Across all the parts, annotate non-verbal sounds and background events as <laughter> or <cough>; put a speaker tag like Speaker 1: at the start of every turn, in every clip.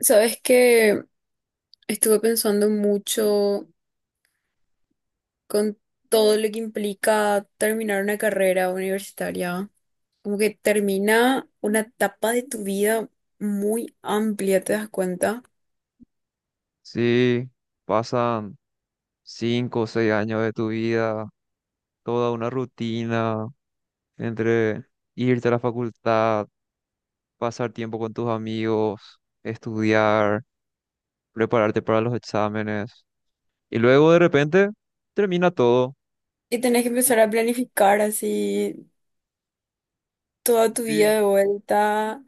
Speaker 1: Sabes que estuve pensando mucho con todo lo que implica terminar una carrera universitaria. Como que termina una etapa de tu vida muy amplia, ¿te das cuenta?
Speaker 2: Sí, pasan cinco o seis años de tu vida, toda una rutina entre irte a la facultad, pasar tiempo con tus amigos, estudiar, prepararte para los exámenes. Y luego de repente termina todo.
Speaker 1: Y tenés que
Speaker 2: Y-
Speaker 1: empezar a planificar así toda tu vida
Speaker 2: sí,
Speaker 1: de vuelta,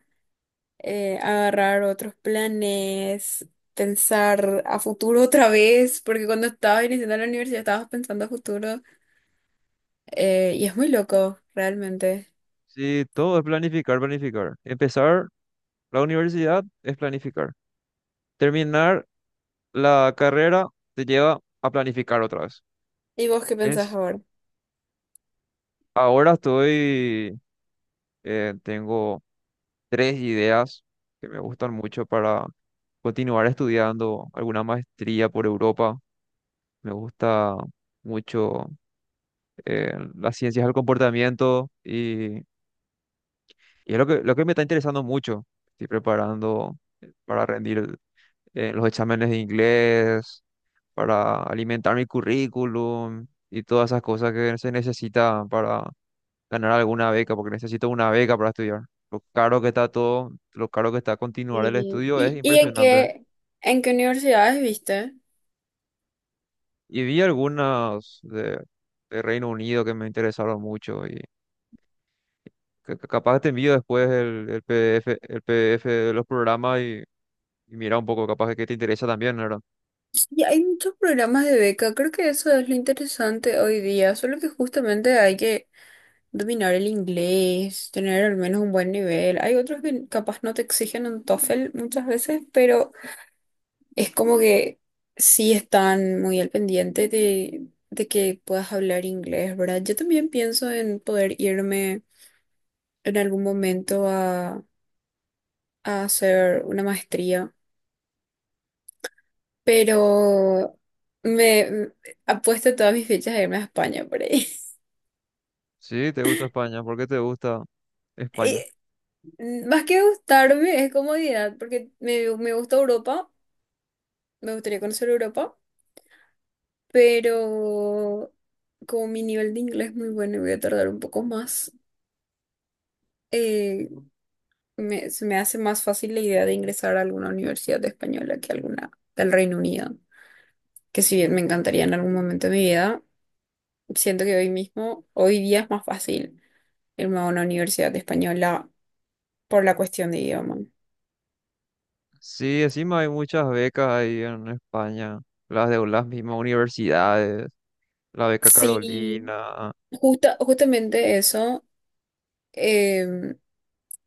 Speaker 1: agarrar otros planes, pensar a futuro otra vez, porque cuando estabas iniciando la universidad estabas pensando a futuro. Eh, y es muy loco, realmente.
Speaker 2: sí, todo es planificar, planificar. Empezar la universidad es planificar. Terminar la carrera te lleva a planificar otra vez.
Speaker 1: ¿Y vos qué pensás
Speaker 2: Es,
Speaker 1: ahora?
Speaker 2: ahora estoy, tengo tres ideas que me gustan mucho para continuar estudiando alguna maestría por Europa. Me gusta mucho las ciencias del comportamiento y es lo que me está interesando mucho. Estoy preparando para rendir los exámenes de inglés, para alimentar mi currículum y todas esas cosas que se necesitan para ganar alguna beca, porque necesito una beca para estudiar. Lo caro que está todo, lo caro que está continuar el
Speaker 1: ¿Y,
Speaker 2: estudio es
Speaker 1: y y en
Speaker 2: impresionante.
Speaker 1: qué universidades viste?
Speaker 2: Y vi algunas de Reino Unido que me interesaron mucho y capaz te envío después el PDF, el PDF de los programas y mira un poco, capaz que te interesa también, ¿verdad?
Speaker 1: Sí, hay muchos programas de beca, creo que eso es lo interesante hoy día, solo que justamente hay que dominar el inglés, tener al menos un buen nivel. Hay otros que capaz no te exigen un TOEFL muchas veces, pero es como que sí están muy al pendiente de que puedas hablar inglés, ¿verdad? Yo también pienso en poder irme en algún momento a hacer una maestría, pero me m- apuesto todas mis fichas a irme a España por ahí.
Speaker 2: Sí, te gusta España, ¿por qué te gusta
Speaker 1: <laughs>
Speaker 2: España?
Speaker 1: Y más que gustarme, es comodidad, porque me gusta Europa, me gustaría conocer Europa, pero como mi nivel de inglés es muy bueno y voy a tardar un poco más, eh, se me hace más fácil la idea de ingresar a alguna universidad española que alguna del Reino Unido, que si bien me encantaría en algún momento de mi vida, siento que hoy mismo, hoy día es más fácil irme a una universidad española por la cuestión de idioma.
Speaker 2: Sí, encima hay muchas becas ahí en España, las de las mismas universidades, la beca
Speaker 1: Sí,
Speaker 2: Carolina.
Speaker 1: justamente eso em,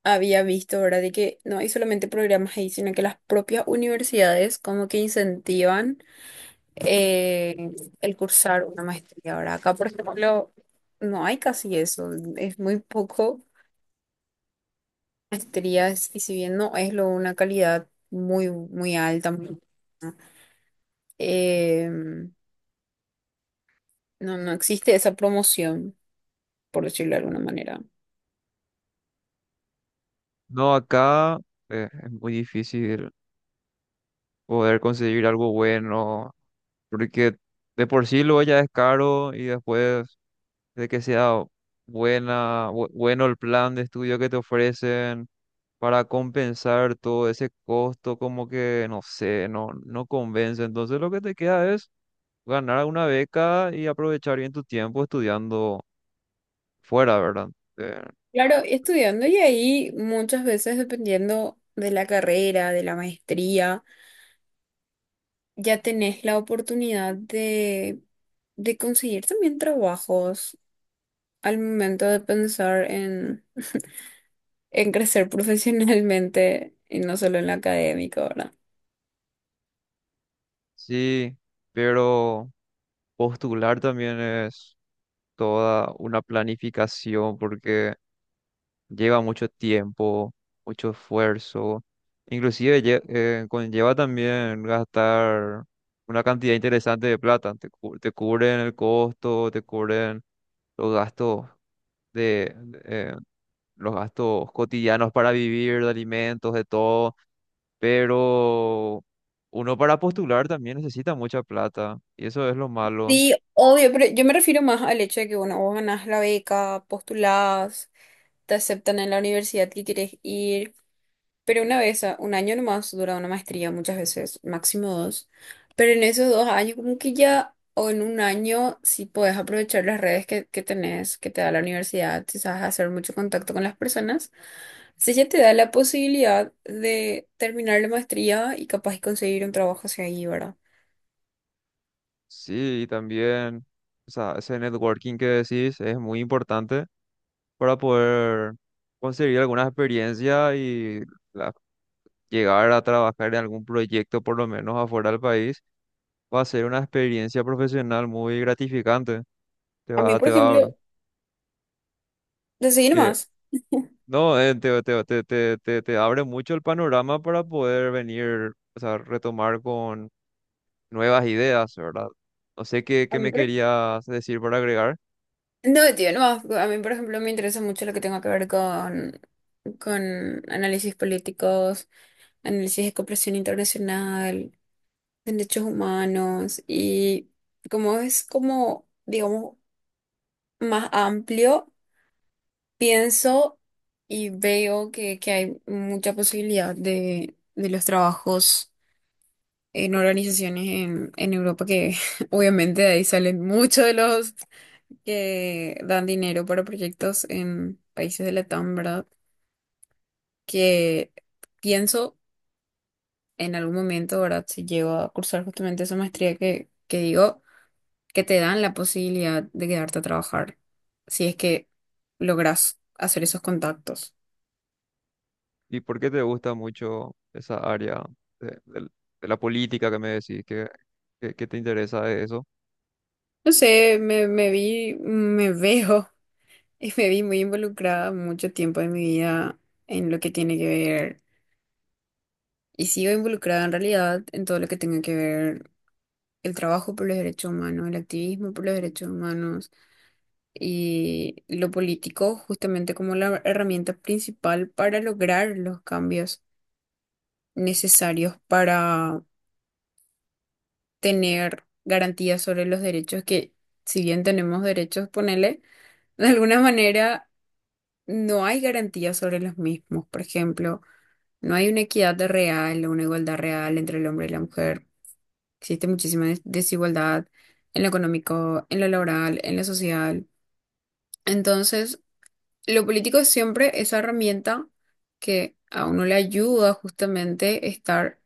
Speaker 1: había visto, ¿verdad? De que no hay solamente programas ahí, sino que las propias universidades como que incentivan eh, el cursar una maestría. Ahora, acá, por ejemplo, no hay casi eso, es muy poco maestrías y si bien no es lo, una calidad muy, muy alta, muy buena. em, no, no existe esa promoción, por decirlo de alguna manera.
Speaker 2: No, acá es muy difícil poder conseguir algo bueno porque de por sí luego ya es caro y después de que sea buena, bueno el plan de estudio que te ofrecen para compensar todo ese costo, como que, no sé, no convence. Entonces lo que te queda es ganar una beca y aprovechar bien tu tiempo estudiando fuera, ¿verdad? Eh,
Speaker 1: Claro, estudiando y ahí muchas veces dependiendo de la carrera, de la maestría, ya tenés la oportunidad de conseguir también trabajos al momento de pensar en crecer <laughs> profesionalmente y no solo en lo académico, ¿verdad?
Speaker 2: Sí, pero postular también es toda una planificación porque lleva mucho tiempo, mucho esfuerzo, inclusive conlleva también gastar una cantidad interesante de plata, te cubren el costo, te cubren los gastos de, de, eh, los gastos cotidianos para vivir, de alimentos, de todo, pero uno para postular también necesita mucha plata y eso es lo malo.
Speaker 1: Sí, obvio, pero yo me refiero más al hecho de que, bueno, vos ganás la beca, postulás, te aceptan en la universidad que quieres ir, pero una vez, un año nomás dura una maestría muchas veces, máximo dos, pero en esos dos años como que ya, o en un año, si puedes aprovechar las redes que tenés, que te da la universidad, si sabes hacer mucho contacto con las personas, si ya te da la posibilidad de terminar la maestría y capaz de conseguir un trabajo hacia ahí, ¿verdad?
Speaker 2: Sí, y también, o sea, ese networking que decís es muy importante para poder conseguir alguna experiencia y la- llegar a trabajar en algún proyecto, por lo menos afuera del país, va a ser una experiencia profesional muy gratificante.
Speaker 1: A mí, por
Speaker 2: Te
Speaker 1: ejemplo,
Speaker 2: va,
Speaker 1: de seguir
Speaker 2: que,
Speaker 1: más.
Speaker 2: no, te, te, te, te, te, te abre mucho el panorama para poder venir, o sea, retomar con nuevas ideas, ¿verdad? No sé qué me querías decir para agregar.
Speaker 1: No, tío, no. A mí, por ejemplo, me interesa mucho lo que tenga que ver con análisis políticos, análisis de cooperación internacional, derechos humanos y como es como, digamos, más amplio, pienso y veo que hay mucha posibilidad de los trabajos en organizaciones en Europa que <laughs> obviamente de ahí salen muchos de los que dan dinero para proyectos en países de Latam, ¿verdad? Que pienso en algún momento, ¿verdad? Si llego a cursar justamente esa maestría que digo, que te dan la posibilidad de quedarte a trabajar, si es que logras hacer esos contactos.
Speaker 2: Y por qué te gusta mucho esa área de, del- de la política que me decís, que te interesa de eso.
Speaker 1: No sé, me <laughs> veo y me vi muy involucrada mucho tiempo de mi vida en lo que tiene que ver, y sigo involucrada en realidad en todo lo que tenga que ver, el trabajo por los derechos humanos, el activismo por los derechos humanos y lo político justamente como la herramienta principal para lograr los cambios necesarios para tener garantías sobre los derechos que, si bien tenemos derechos, ponele, <laughs> de alguna manera no hay garantías sobre los mismos. Por ejemplo, no hay una equidad real o una igualdad real entre el hombre y la mujer. Existe muchísima desigualdad en lo económico, en lo laboral, en lo social. Entonces, lo político es siempre esa herramienta que a uno le ayuda justamente a estar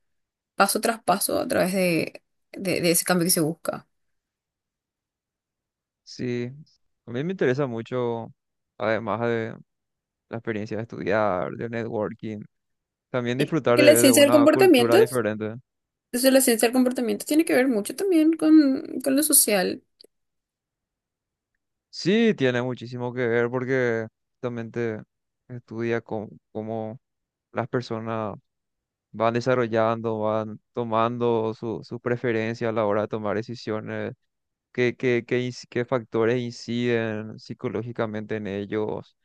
Speaker 1: paso tras paso a través de ese cambio que se busca.
Speaker 2: Sí, a mí me interesa mucho, además de la experiencia de estudiar, de networking, también disfrutar
Speaker 1: Porque la
Speaker 2: de
Speaker 1: ciencia del
Speaker 2: una cultura
Speaker 1: comportamiento,
Speaker 2: diferente.
Speaker 1: entonces la ciencia del comportamiento tiene que ver mucho también con lo social.
Speaker 2: Sí, tiene muchísimo que ver porque justamente estudia cómo las personas van desarrollando, van tomando sus preferencias a la hora de tomar decisiones, qué factores inciden psicológicamente en ellos,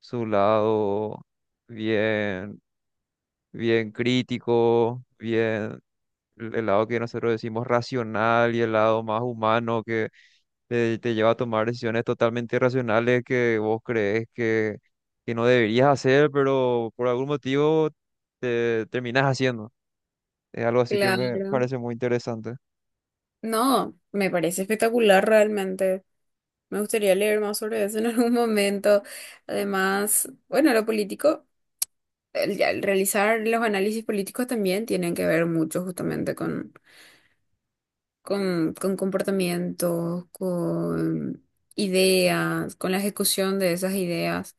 Speaker 2: su lado bien. bien crítico, bien el lado que nosotros decimos racional y el lado más humano que te lleva a tomar decisiones totalmente irracionales que vos crees que no deberías hacer, pero por algún motivo te terminas haciendo. Es algo así que me
Speaker 1: Claro.
Speaker 2: parece muy interesante.
Speaker 1: No, me parece espectacular realmente. Me gustaría leer más sobre eso en algún momento. Además, bueno, lo político, el, ya el realizar los análisis políticos también tienen que ver mucho justamente con comportamientos, con ideas, con la ejecución de esas ideas.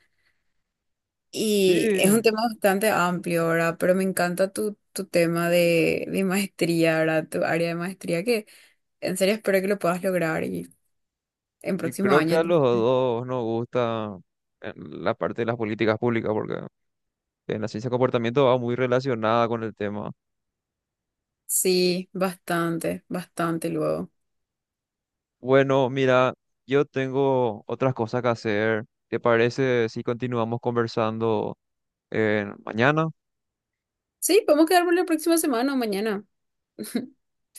Speaker 2: Sí,
Speaker 1: Y es un tema bastante amplio, ¿verdad? Pero me encanta tu tema de maestría, ¿verdad? Tu área de maestría, que en serio espero que lo puedas lograr y en
Speaker 2: y
Speaker 1: próximo
Speaker 2: creo que
Speaker 1: año.
Speaker 2: a los dos nos gusta la parte de las políticas públicas, porque en la ciencia de comportamiento va muy relacionada con el tema.
Speaker 1: Sí, bastante, bastante luego.
Speaker 2: Bueno, mira, yo tengo otras cosas que hacer. ¿Te parece si continuamos conversando mañana?
Speaker 1: Sí, podemos quedar por la próxima semana o mañana. <laughs> Sin